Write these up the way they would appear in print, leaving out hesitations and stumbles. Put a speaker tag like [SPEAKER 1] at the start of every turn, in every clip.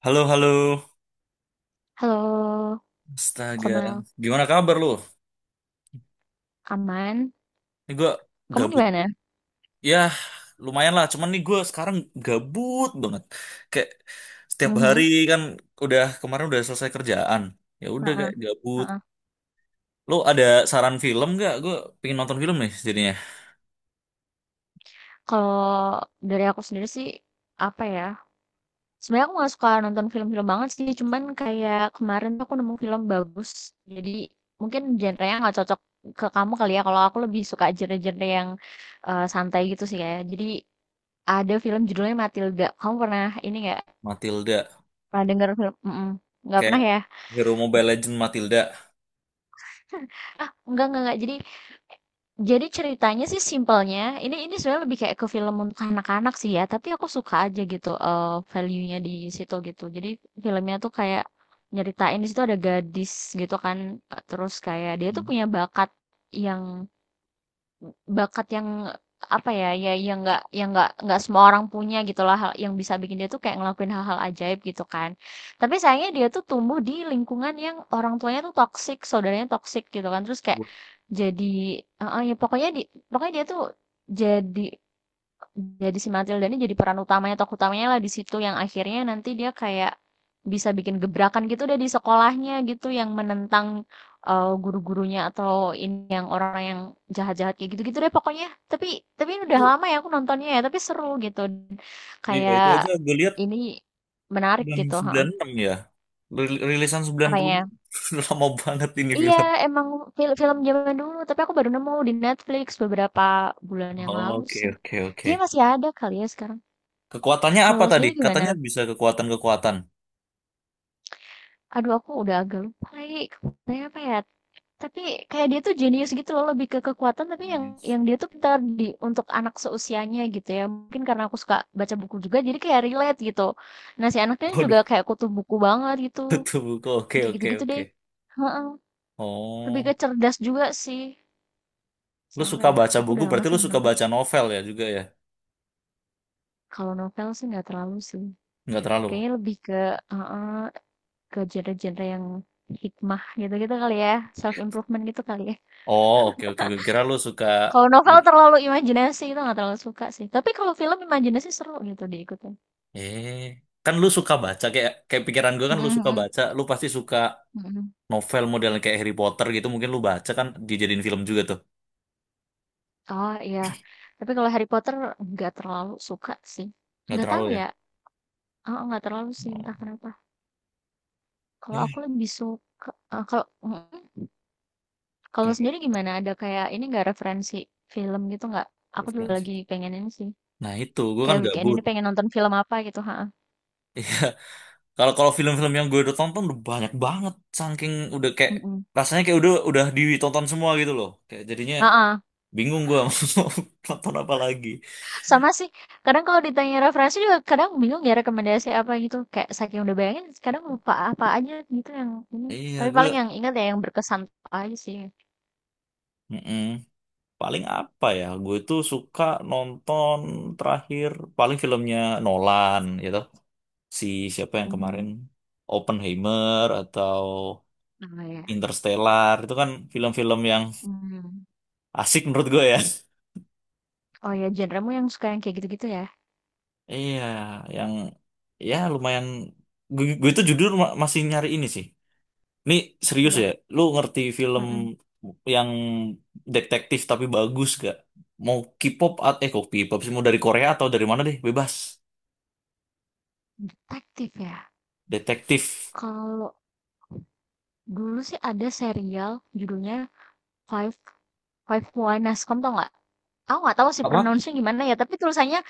[SPEAKER 1] Halo, halo.
[SPEAKER 2] Halo,
[SPEAKER 1] Astaga.
[SPEAKER 2] Komal.
[SPEAKER 1] Gimana kabar lu?
[SPEAKER 2] Aman?
[SPEAKER 1] Ini gue
[SPEAKER 2] Kamu
[SPEAKER 1] gabut.
[SPEAKER 2] gimana?
[SPEAKER 1] Ya, lumayan lah. Cuman nih gue sekarang gabut banget. Kayak setiap hari
[SPEAKER 2] Mhm.
[SPEAKER 1] kan udah kemarin udah selesai kerjaan. Ya udah
[SPEAKER 2] Heeh.
[SPEAKER 1] kayak gabut.
[SPEAKER 2] Heeh.
[SPEAKER 1] Lu ada saran film gak? Gue pengen nonton film nih jadinya.
[SPEAKER 2] Kalau dari aku sendiri sih, apa ya, sebenarnya aku nggak suka nonton film-film banget sih, cuman kayak kemarin tuh aku nemu film bagus, jadi mungkin genre-nya nggak cocok ke kamu kali ya, kalau aku lebih suka genre-genre yang santai gitu sih ya. Jadi ada film judulnya Matilda. Kamu pernah ini nggak?
[SPEAKER 1] Matilda.
[SPEAKER 2] Pernah denger film? Mm-mm. Nggak pernah
[SPEAKER 1] Kayak
[SPEAKER 2] ya?
[SPEAKER 1] Hero Mobile Legend Matilda.
[SPEAKER 2] Ah, enggak, enggak. Jadi ceritanya sih simpelnya, ini sebenarnya lebih kayak ke film untuk anak-anak sih ya, tapi aku suka aja gitu value-nya di situ gitu. Jadi filmnya tuh kayak nyeritain di situ ada gadis gitu kan, terus kayak dia tuh
[SPEAKER 1] Hmm.
[SPEAKER 2] punya bakat yang yang apa ya yang nggak semua orang punya gitulah hal yang bisa bikin dia tuh kayak ngelakuin hal-hal ajaib gitu kan, tapi sayangnya dia tuh tumbuh di lingkungan yang orang tuanya tuh toksik, saudaranya toksik gitu kan, terus kayak
[SPEAKER 1] Gua
[SPEAKER 2] jadi ya pokoknya dia tuh jadi jadi si Matilda ini jadi peran utamanya, tokoh utamanya lah di situ yang akhirnya nanti dia kayak bisa bikin gebrakan gitu deh di sekolahnya gitu yang menentang guru-gurunya atau ini yang orang yang jahat-jahat kayak gitu-gitu deh pokoknya. Tapi tapi ini udah
[SPEAKER 1] Itu,
[SPEAKER 2] lama ya aku nontonnya ya, tapi seru gitu.
[SPEAKER 1] iya itu aja
[SPEAKER 2] Kayak
[SPEAKER 1] gue lihat
[SPEAKER 2] ini menarik
[SPEAKER 1] tahun
[SPEAKER 2] gitu, ha.
[SPEAKER 1] 96 ya. Rilisan 96.
[SPEAKER 2] Apanya?
[SPEAKER 1] Lama banget ini
[SPEAKER 2] Iya,
[SPEAKER 1] film.
[SPEAKER 2] emang film zaman dulu, tapi aku baru nemu di Netflix beberapa bulan yang lalu
[SPEAKER 1] Oke,
[SPEAKER 2] sih.
[SPEAKER 1] oke, oke.
[SPEAKER 2] Kayaknya masih ada kali ya sekarang.
[SPEAKER 1] Kekuatannya
[SPEAKER 2] Kalau
[SPEAKER 1] apa
[SPEAKER 2] lo
[SPEAKER 1] tadi?
[SPEAKER 2] sendiri gimana?
[SPEAKER 1] Katanya bisa kekuatan-kekuatan.
[SPEAKER 2] Aduh, aku udah agak lupa lagi kekuatannya apa ya, tapi kayak dia tuh jenius gitu loh, lebih ke kekuatan tapi yang
[SPEAKER 1] Yes.
[SPEAKER 2] dia tuh pintar untuk anak seusianya gitu ya. Mungkin karena aku suka baca buku juga jadi kayak relate gitu. Nah, si anaknya juga
[SPEAKER 1] Waduh,
[SPEAKER 2] kayak kutu buku banget gitu.
[SPEAKER 1] tutup buku. Oke,
[SPEAKER 2] Kayak
[SPEAKER 1] oke,
[SPEAKER 2] gitu-gitu deh.
[SPEAKER 1] oke.
[SPEAKER 2] Heeh. Lebih ke
[SPEAKER 1] Oh,
[SPEAKER 2] cerdas juga sih.
[SPEAKER 1] lu
[SPEAKER 2] Soalnya
[SPEAKER 1] suka
[SPEAKER 2] ya,
[SPEAKER 1] baca
[SPEAKER 2] aku
[SPEAKER 1] buku,
[SPEAKER 2] udah lama
[SPEAKER 1] berarti
[SPEAKER 2] sih
[SPEAKER 1] lu
[SPEAKER 2] nggak
[SPEAKER 1] suka
[SPEAKER 2] nonton.
[SPEAKER 1] baca novel ya juga ya?
[SPEAKER 2] Kalau novel sih nggak terlalu sih.
[SPEAKER 1] Nggak terlalu.
[SPEAKER 2] Kayaknya lebih ke heeh, ke genre-genre yang hikmah gitu-gitu kali ya, self improvement gitu kali ya.
[SPEAKER 1] Oh, oke, oke. Gue kira lu suka...
[SPEAKER 2] Kalau novel terlalu imajinasi itu nggak terlalu suka sih, tapi kalau film imajinasi seru gitu diikutin.
[SPEAKER 1] Eh, kan lu suka baca. Kayak pikiran gue kan
[SPEAKER 2] Mhm,
[SPEAKER 1] lu suka
[SPEAKER 2] mhm,
[SPEAKER 1] baca. Lu pasti suka
[SPEAKER 2] mhm.
[SPEAKER 1] novel model kayak Harry Potter gitu. Mungkin lu baca kan dijadiin film juga tuh.
[SPEAKER 2] Oh iya, tapi kalau Harry Potter nggak terlalu suka sih,
[SPEAKER 1] Nggak
[SPEAKER 2] nggak
[SPEAKER 1] terlalu
[SPEAKER 2] tahu
[SPEAKER 1] ya?
[SPEAKER 2] ya, heeh, nggak terlalu sih entah
[SPEAKER 1] Oh.
[SPEAKER 2] kenapa. Kalau
[SPEAKER 1] Ya,
[SPEAKER 2] aku lebih suka eee, kalau mhm, kalau sendiri
[SPEAKER 1] kenapa?
[SPEAKER 2] gimana? Ada kayak ini nggak referensi film gitu nggak? Aku juga
[SPEAKER 1] Referensi.
[SPEAKER 2] lagi pengen ini sih,
[SPEAKER 1] Nah itu, gue kan
[SPEAKER 2] kayak weekend
[SPEAKER 1] gabut.
[SPEAKER 2] ini pengen nonton film apa gitu, heeh.
[SPEAKER 1] Kalau kalau film-film yang gue udah tonton udah banyak banget, saking udah kayak
[SPEAKER 2] Mhm.
[SPEAKER 1] rasanya kayak udah ditonton semua gitu loh. Kayak jadinya
[SPEAKER 2] Heeh.
[SPEAKER 1] bingung gue mau nonton apa lagi.
[SPEAKER 2] Sama sih, kadang kalau ditanya referensi juga kadang bingung ya rekomendasi apa gitu, kayak saking udah bayangin kadang lupa apa aja gitu yang ini.
[SPEAKER 1] Iya
[SPEAKER 2] Tapi
[SPEAKER 1] gue,
[SPEAKER 2] paling yang ingat ya yang berkesan aja sih.
[SPEAKER 1] mm-mm. Paling apa ya? Gue tuh suka nonton terakhir paling filmnya Nolan gitu. Si Siapa yang kemarin
[SPEAKER 2] Mhm.
[SPEAKER 1] Oppenheimer atau
[SPEAKER 2] Oh ya.
[SPEAKER 1] Interstellar itu kan film-film yang
[SPEAKER 2] Hmm.
[SPEAKER 1] asik menurut gue ya.
[SPEAKER 2] Oh ya, genremu yang suka yang kayak gitu-gitu ya?
[SPEAKER 1] Iya, yang ya lumayan. Gue itu jujur masih nyari ini sih. Ini serius ya.
[SPEAKER 2] Apa?
[SPEAKER 1] Lu ngerti film
[SPEAKER 2] Mm-mm.
[SPEAKER 1] yang detektif tapi bagus gak? Mau K-pop kok K-pop sih mau dari Korea atau dari mana deh? Bebas.
[SPEAKER 2] Detektif ya.
[SPEAKER 1] Detektif.
[SPEAKER 2] Kalau dulu sih ada serial judulnya Five Five Why Nascom, tau nggak? Aku nggak tahu sih
[SPEAKER 1] Apa?
[SPEAKER 2] pronounce-nya gimana ya, tapi tulisannya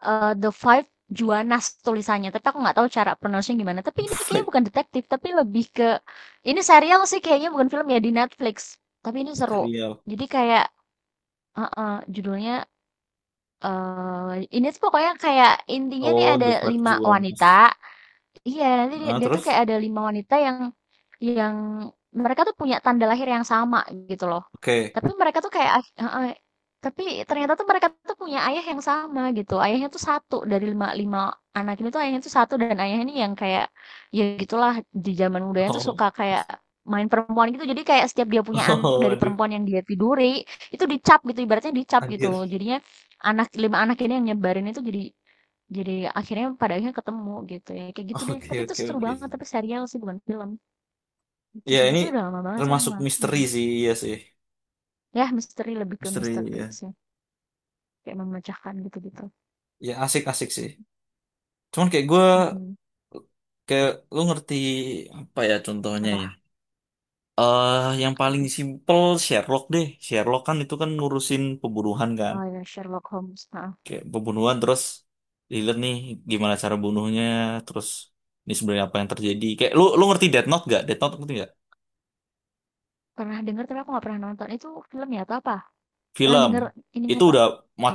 [SPEAKER 2] The Five Juanas tulisannya, tapi aku nggak tahu cara pronounce gimana. Tapi ini kayaknya
[SPEAKER 1] Fight
[SPEAKER 2] bukan detektif, tapi lebih ke ini serial sih kayaknya, bukan film ya, di Netflix. Tapi ini seru.
[SPEAKER 1] serial.
[SPEAKER 2] Jadi kayak heeh, judulnya, ini tuh pokoknya kayak intinya nih
[SPEAKER 1] Oh,
[SPEAKER 2] ada
[SPEAKER 1] The Five
[SPEAKER 2] 5 wanita.
[SPEAKER 1] Jewels.
[SPEAKER 2] Iya, nanti dia,
[SPEAKER 1] Ah,
[SPEAKER 2] dia tuh kayak
[SPEAKER 1] terus?
[SPEAKER 2] ada lima wanita yang yang mereka tuh punya tanda lahir yang sama gitu loh.
[SPEAKER 1] Oke.
[SPEAKER 2] Tapi mereka tuh kayak tapi ternyata tuh mereka tuh punya ayah yang sama gitu. Ayahnya tuh satu dari lima lima anak ini, tuh ayahnya tuh satu, dan ayahnya ini yang kayak ya gitulah di zaman mudanya tuh
[SPEAKER 1] Oh.
[SPEAKER 2] suka kayak main perempuan gitu. Jadi kayak setiap dia punya anak
[SPEAKER 1] Oh,
[SPEAKER 2] dari
[SPEAKER 1] aduh,
[SPEAKER 2] perempuan yang dia tiduri itu dicap gitu, ibaratnya dicap gitu.
[SPEAKER 1] anjir.
[SPEAKER 2] Jadinya anak lima anak ini yang nyebarin itu, jadi akhirnya pada akhirnya ketemu gitu ya, kayak gitu deh.
[SPEAKER 1] Oke,
[SPEAKER 2] Tapi itu
[SPEAKER 1] oke,
[SPEAKER 2] seru
[SPEAKER 1] oke.
[SPEAKER 2] banget, tapi serial sih bukan film, itu
[SPEAKER 1] Ya,
[SPEAKER 2] sih.
[SPEAKER 1] ini
[SPEAKER 2] Tapi udah lama banget sih aku
[SPEAKER 1] termasuk
[SPEAKER 2] nggak
[SPEAKER 1] misteri sih, iya sih.
[SPEAKER 2] Ya misteri, lebih ke
[SPEAKER 1] Misteri,
[SPEAKER 2] misteri
[SPEAKER 1] ya.
[SPEAKER 2] sih, kayak memecahkan gitu-gitu.
[SPEAKER 1] Ya asik-asik sih, cuman kayak gue
[SPEAKER 2] Mhm.
[SPEAKER 1] kayak lu ngerti apa ya contohnya ya
[SPEAKER 2] Apa?
[SPEAKER 1] yang
[SPEAKER 2] Apa
[SPEAKER 1] paling
[SPEAKER 2] tuh?
[SPEAKER 1] simpel Sherlock deh, Sherlock kan itu kan ngurusin pembunuhan kan,
[SPEAKER 2] Oh ya, Sherlock Holmes, heeh.
[SPEAKER 1] kayak pembunuhan terus dilihat nih gimana cara bunuhnya, terus ini sebenarnya apa yang terjadi. Kayak lu lu ngerti Death Note gak? Death Note ngerti gak?
[SPEAKER 2] Pernah dengar? Tapi aku nggak pernah nonton. Itu film ya atau apa? Pernah
[SPEAKER 1] Film
[SPEAKER 2] dengar ininya
[SPEAKER 1] itu
[SPEAKER 2] pak?
[SPEAKER 1] udah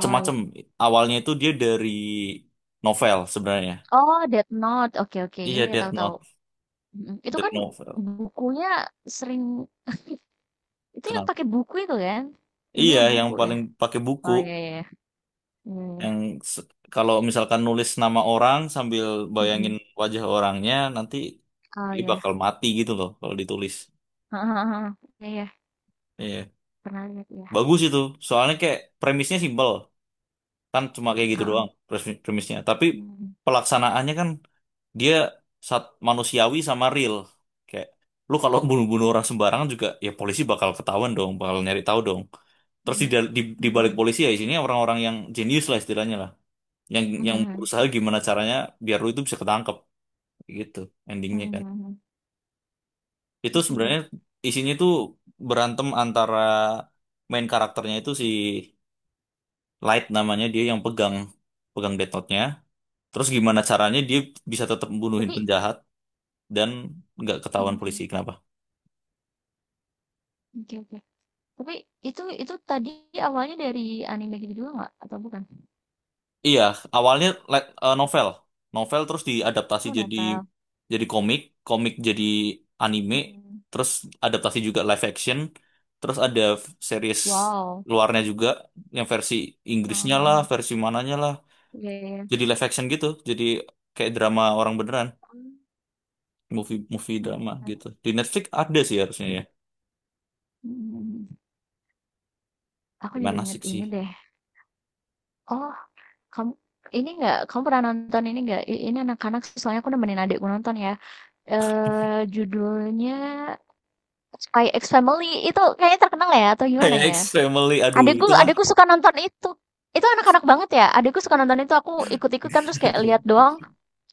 [SPEAKER 2] Oh ya.
[SPEAKER 1] Awalnya itu dia dari novel sebenarnya.
[SPEAKER 2] Oh, Death Note, oke, oke. Ya,
[SPEAKER 1] Iya,
[SPEAKER 2] iya,
[SPEAKER 1] Death
[SPEAKER 2] tahu, tahu.
[SPEAKER 1] Note
[SPEAKER 2] Mhm. Itu
[SPEAKER 1] dari
[SPEAKER 2] kan
[SPEAKER 1] novel.
[SPEAKER 2] bukunya sering, itu yang
[SPEAKER 1] Kenapa?
[SPEAKER 2] pakai buku itu kan?
[SPEAKER 1] Iya,
[SPEAKER 2] Ininya
[SPEAKER 1] yang
[SPEAKER 2] buku ya?
[SPEAKER 1] paling pakai buku,
[SPEAKER 2] Oh ya, ya, ya. Iya, iya.
[SPEAKER 1] yang kalau misalkan nulis nama orang sambil bayangin
[SPEAKER 2] Mhm.
[SPEAKER 1] wajah orangnya, nanti
[SPEAKER 2] Oh
[SPEAKER 1] dia
[SPEAKER 2] ya.
[SPEAKER 1] bakal mati gitu loh kalau ditulis.
[SPEAKER 2] Heeh, heeh, heeh. Iya, iya,
[SPEAKER 1] Iya.
[SPEAKER 2] pernah lihat ya.
[SPEAKER 1] Bagus itu. Soalnya kayak premisnya simpel. Kan cuma kayak gitu
[SPEAKER 2] Heeh,
[SPEAKER 1] doang premisnya. Tapi
[SPEAKER 2] mhm,
[SPEAKER 1] pelaksanaannya kan dia saat manusiawi sama real. Kayak lu kalau bunuh-bunuh orang sembarangan juga ya polisi bakal ketahuan dong, bakal nyari tahu dong. Terus di,
[SPEAKER 2] mhm,
[SPEAKER 1] dal- di, di balik
[SPEAKER 2] mhm,
[SPEAKER 1] polisi ya isinya orang-orang yang jenius lah istilahnya lah. Yang
[SPEAKER 2] mhm,
[SPEAKER 1] yang
[SPEAKER 2] mhm,
[SPEAKER 1] berusaha gimana caranya biar lu itu bisa ketangkep gitu
[SPEAKER 2] mmm,
[SPEAKER 1] endingnya kan.
[SPEAKER 2] mhm, mhm,
[SPEAKER 1] Itu
[SPEAKER 2] oke, oke.
[SPEAKER 1] sebenarnya isinya tuh berantem antara main karakternya itu si Light namanya, dia yang pegang pegang Death Note-nya. Terus gimana caranya dia bisa tetap membunuhin
[SPEAKER 2] Tapi,
[SPEAKER 1] penjahat dan nggak ketahuan polisi.
[SPEAKER 2] mhm,
[SPEAKER 1] Kenapa?
[SPEAKER 2] oke, oke. Tapi itu tadi awalnya dari anime gitu juga nggak atau bukan?
[SPEAKER 1] Iya, awalnya novel, terus diadaptasi
[SPEAKER 2] Oh,
[SPEAKER 1] jadi
[SPEAKER 2] novel,
[SPEAKER 1] jadi komik jadi anime,
[SPEAKER 2] hmm,
[SPEAKER 1] terus adaptasi juga live action, terus ada series
[SPEAKER 2] wow,
[SPEAKER 1] luarnya juga yang versi
[SPEAKER 2] heeh,
[SPEAKER 1] Inggrisnya
[SPEAKER 2] heeh,
[SPEAKER 1] lah,
[SPEAKER 2] heeh,
[SPEAKER 1] versi mananya lah,
[SPEAKER 2] iya, iya,
[SPEAKER 1] jadi live action gitu, jadi kayak drama orang beneran,
[SPEAKER 2] mmm,
[SPEAKER 1] movie movie drama
[SPEAKER 2] mhm,
[SPEAKER 1] gitu. Di Netflix ada sih harusnya ya,
[SPEAKER 2] mhm, mhm. Aku jadi
[SPEAKER 1] gimana
[SPEAKER 2] inget
[SPEAKER 1] asik sih.
[SPEAKER 2] ini deh, oh, kamu kamu pernah nonton ini nggak, ini anak-anak soalnya aku nemenin adikku nonton ya, judulnya Spy X Family, itu kayaknya terkenal ya atau gimana
[SPEAKER 1] Kayak X
[SPEAKER 2] ya?
[SPEAKER 1] Family, aduh
[SPEAKER 2] Adekku
[SPEAKER 1] itu mah,
[SPEAKER 2] adekku suka nonton itu. Itu anak-anak banget ya. Adekku suka nonton itu, aku ikut-ikut kan terus kayak lihat doang.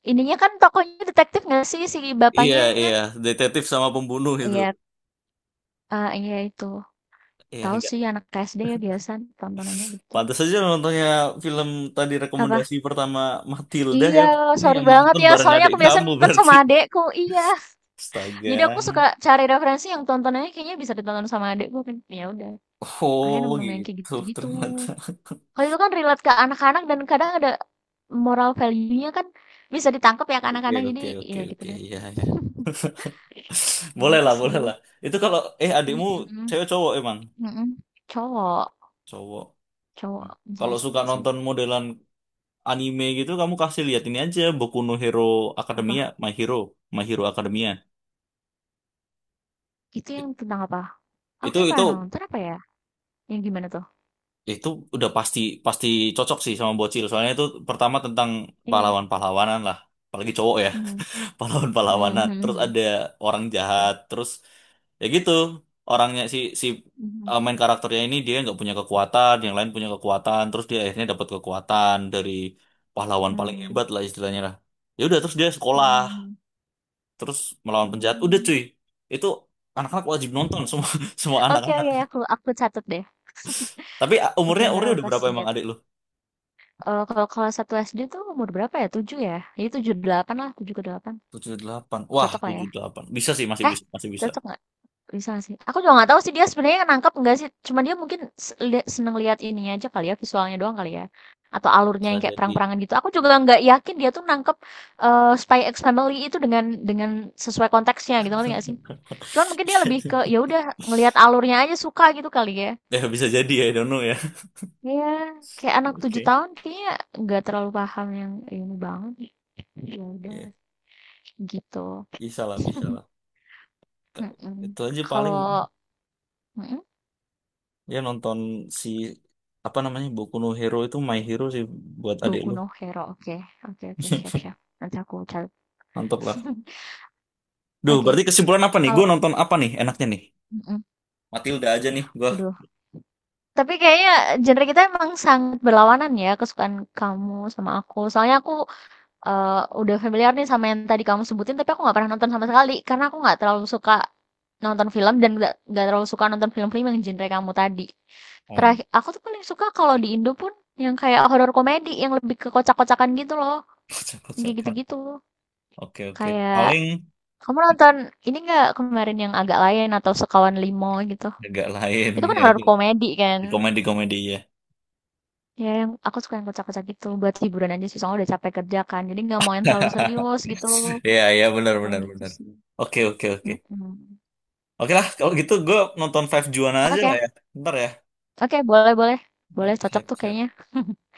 [SPEAKER 2] Ininya kan tokonya detektif nggak sih si
[SPEAKER 1] iya,
[SPEAKER 2] bapaknya?
[SPEAKER 1] iya, detektif sama pembunuh itu,
[SPEAKER 2] Iya, iya itu.
[SPEAKER 1] iya.
[SPEAKER 2] Tahu sih anak SD ya biasa tontonannya gitu.
[SPEAKER 1] Pantas saja lo nontonnya film tadi
[SPEAKER 2] Apa?
[SPEAKER 1] rekomendasi pertama Matilda
[SPEAKER 2] Iya,
[SPEAKER 1] ya. Ini
[SPEAKER 2] sorry
[SPEAKER 1] yang
[SPEAKER 2] banget
[SPEAKER 1] nonton
[SPEAKER 2] ya.
[SPEAKER 1] bareng
[SPEAKER 2] Soalnya
[SPEAKER 1] adik
[SPEAKER 2] aku biasa
[SPEAKER 1] kamu
[SPEAKER 2] nonton
[SPEAKER 1] berarti.
[SPEAKER 2] sama adekku. Iya. Jadi aku suka
[SPEAKER 1] Astaga.
[SPEAKER 2] cari referensi yang tontonannya kayaknya bisa ditonton sama adekku kan. Ya udah. Akhirnya
[SPEAKER 1] Oh
[SPEAKER 2] nemu-nemu yang kayak
[SPEAKER 1] gitu
[SPEAKER 2] gitu-gitu.
[SPEAKER 1] ternyata.
[SPEAKER 2] Kalau itu kan relate ke anak-anak, dan kadang ada moral value-nya kan bisa ditangkap ya ke anak-anak,
[SPEAKER 1] Oke,
[SPEAKER 2] jadi
[SPEAKER 1] oke, oke,
[SPEAKER 2] ya gitu
[SPEAKER 1] oke,
[SPEAKER 2] deh,
[SPEAKER 1] ya, ya. Boleh
[SPEAKER 2] gitu
[SPEAKER 1] lah, boleh
[SPEAKER 2] sih.
[SPEAKER 1] lah. Itu kalau adikmu
[SPEAKER 2] Mhm,
[SPEAKER 1] cewek cowok emang
[SPEAKER 2] mhm. Cowok.
[SPEAKER 1] cowok. Hmm.
[SPEAKER 2] Cowok
[SPEAKER 1] Kalau
[SPEAKER 2] Jazz
[SPEAKER 1] suka
[SPEAKER 2] sih.
[SPEAKER 1] nonton modelan anime gitu kamu kasih lihat ini aja Boku no Hero Academia,
[SPEAKER 2] Apa?
[SPEAKER 1] My Hero, My Hero Academia.
[SPEAKER 2] Itu yang
[SPEAKER 1] It-
[SPEAKER 2] tentang apa? Oke,
[SPEAKER 1] Itu
[SPEAKER 2] kayaknya
[SPEAKER 1] itu
[SPEAKER 2] pernah nonton apa ya? Yang gimana tuh?
[SPEAKER 1] Itu udah pasti pasti cocok sih sama bocil. Soalnya itu pertama tentang
[SPEAKER 2] Iya,
[SPEAKER 1] pahlawan-pahlawanan lah. Apalagi cowok ya,
[SPEAKER 2] mhm. Mmm,
[SPEAKER 1] pahlawan-pahlawanan.
[SPEAKER 2] mhm,
[SPEAKER 1] Terus
[SPEAKER 2] mhm.
[SPEAKER 1] ada orang jahat, terus ya gitu. Orangnya si si
[SPEAKER 2] Mhm,
[SPEAKER 1] eh, main karakternya ini dia nggak punya kekuatan, yang lain punya kekuatan, terus dia akhirnya dapat kekuatan dari pahlawan paling
[SPEAKER 2] mmm,
[SPEAKER 1] hebat lah istilahnya lah. Ya udah terus dia
[SPEAKER 2] mhm,
[SPEAKER 1] sekolah,
[SPEAKER 2] mhm.
[SPEAKER 1] terus melawan penjahat. Udah
[SPEAKER 2] Mmm.
[SPEAKER 1] cuy. Itu anak-anak wajib nonton semua, semua
[SPEAKER 2] Oke,
[SPEAKER 1] anak-anak.
[SPEAKER 2] oke, aku catat deh.
[SPEAKER 1] Tapi ah,
[SPEAKER 2] Oke,
[SPEAKER 1] umurnya
[SPEAKER 2] ntar
[SPEAKER 1] umurnya
[SPEAKER 2] aku
[SPEAKER 1] udah berapa
[SPEAKER 2] kasih
[SPEAKER 1] emang
[SPEAKER 2] lihat.
[SPEAKER 1] adik lu?
[SPEAKER 2] Kalau kalau satu 1 SD tuh umur berapa ya? Tujuh ya? Jadi 7 8 lah, 7 ke 8.
[SPEAKER 1] 7 8, wah,
[SPEAKER 2] Cocok lah ya.
[SPEAKER 1] 7 8 bisa sih, masih
[SPEAKER 2] Eh,
[SPEAKER 1] bisa, masih bisa.
[SPEAKER 2] cocok nggak? Bisa sih. Aku juga nggak tahu sih dia sebenarnya nangkep nggak sih. Cuma dia mungkin seneng lihat ininya aja kali ya, visualnya doang kali ya. Atau alurnya
[SPEAKER 1] Bisa
[SPEAKER 2] yang kayak
[SPEAKER 1] jadi.
[SPEAKER 2] perang-perangan gitu. Aku juga nggak yakin dia tuh nangkep Spy X Family itu dengan sesuai konteksnya gitu, ngerti nggak sih? Cuman mungkin dia lebih ke ya udah ngelihat alurnya aja suka gitu kali ya.
[SPEAKER 1] Ya, bisa jadi ya, I don't know ya.
[SPEAKER 2] Iya, kayak anak tujuh
[SPEAKER 1] Oke.
[SPEAKER 2] tahun kayaknya nggak terlalu paham yang ini banget. Ya udah
[SPEAKER 1] Ya,
[SPEAKER 2] gitu.
[SPEAKER 1] bisa lah, bisa lah. Ka-
[SPEAKER 2] Mm-mm.
[SPEAKER 1] Itu aja paling
[SPEAKER 2] Kalau mm-mm.
[SPEAKER 1] ya nonton si apa namanya Boku no Hero, itu My Hero sih buat adik
[SPEAKER 2] Boku
[SPEAKER 1] lu.
[SPEAKER 2] no Hero, oke. Oke, oke, siap, siap. Nanti aku cari.
[SPEAKER 1] Mantap lah. Duh,
[SPEAKER 2] Oke,
[SPEAKER 1] berarti kesimpulan apa nih?
[SPEAKER 2] kalau,
[SPEAKER 1] Gue nonton apa nih enaknya nih?
[SPEAKER 2] mhm.
[SPEAKER 1] Matilda aja nih gua.
[SPEAKER 2] Waduh, tapi kayaknya genre kita emang sangat berlawanan ya, kesukaan kamu sama aku. Soalnya aku, udah familiar nih sama yang tadi kamu sebutin, tapi aku nggak pernah nonton sama sekali. Karena aku nggak terlalu suka nonton film dan nggak terlalu suka nonton film-film yang genre kamu tadi.
[SPEAKER 1] Oh,
[SPEAKER 2] Terakhir aku tuh paling suka kalau di Indo pun yang kayak horor komedi, yang lebih ke kocak-kocakan gitu loh, kayak
[SPEAKER 1] kocak-kocakan.
[SPEAKER 2] gitu-gitu.
[SPEAKER 1] Oke, oke.
[SPEAKER 2] Kayak,
[SPEAKER 1] Paling
[SPEAKER 2] kamu nonton ini nggak kemarin yang agak lain atau Sekawan Limo gitu?
[SPEAKER 1] agak lain
[SPEAKER 2] Itu kan
[SPEAKER 1] ya
[SPEAKER 2] horor
[SPEAKER 1] itu.
[SPEAKER 2] komedi kan?
[SPEAKER 1] Di komedi-komedi ya.
[SPEAKER 2] Ya yang aku suka yang kocak-kocak gitu buat hiburan aja sih, soalnya udah capek kerja kan. Jadi nggak mau yang terlalu serius gitu.
[SPEAKER 1] Iya, iya, benar,
[SPEAKER 2] Paling
[SPEAKER 1] benar,
[SPEAKER 2] gitu
[SPEAKER 1] benar.
[SPEAKER 2] sih.
[SPEAKER 1] Oke, oke, oke.
[SPEAKER 2] Mm-mm.
[SPEAKER 1] Oke lah, kalau gitu gue nonton Five Juana aja
[SPEAKER 2] Oke,
[SPEAKER 1] lah ya. Ntar ya.
[SPEAKER 2] oke, boleh, boleh. Boleh,
[SPEAKER 1] Oke,
[SPEAKER 2] cocok
[SPEAKER 1] siap,
[SPEAKER 2] tuh
[SPEAKER 1] siap.
[SPEAKER 2] kayaknya.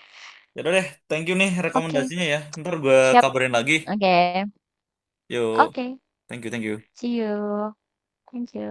[SPEAKER 1] Yaudah deh, thank you nih
[SPEAKER 2] Oke,
[SPEAKER 1] rekomendasinya ya. Ntar gue
[SPEAKER 2] siap.
[SPEAKER 1] kabarin lagi.
[SPEAKER 2] Oke.
[SPEAKER 1] Yuk,
[SPEAKER 2] Oke.
[SPEAKER 1] thank you, thank you.
[SPEAKER 2] See you. Thank you.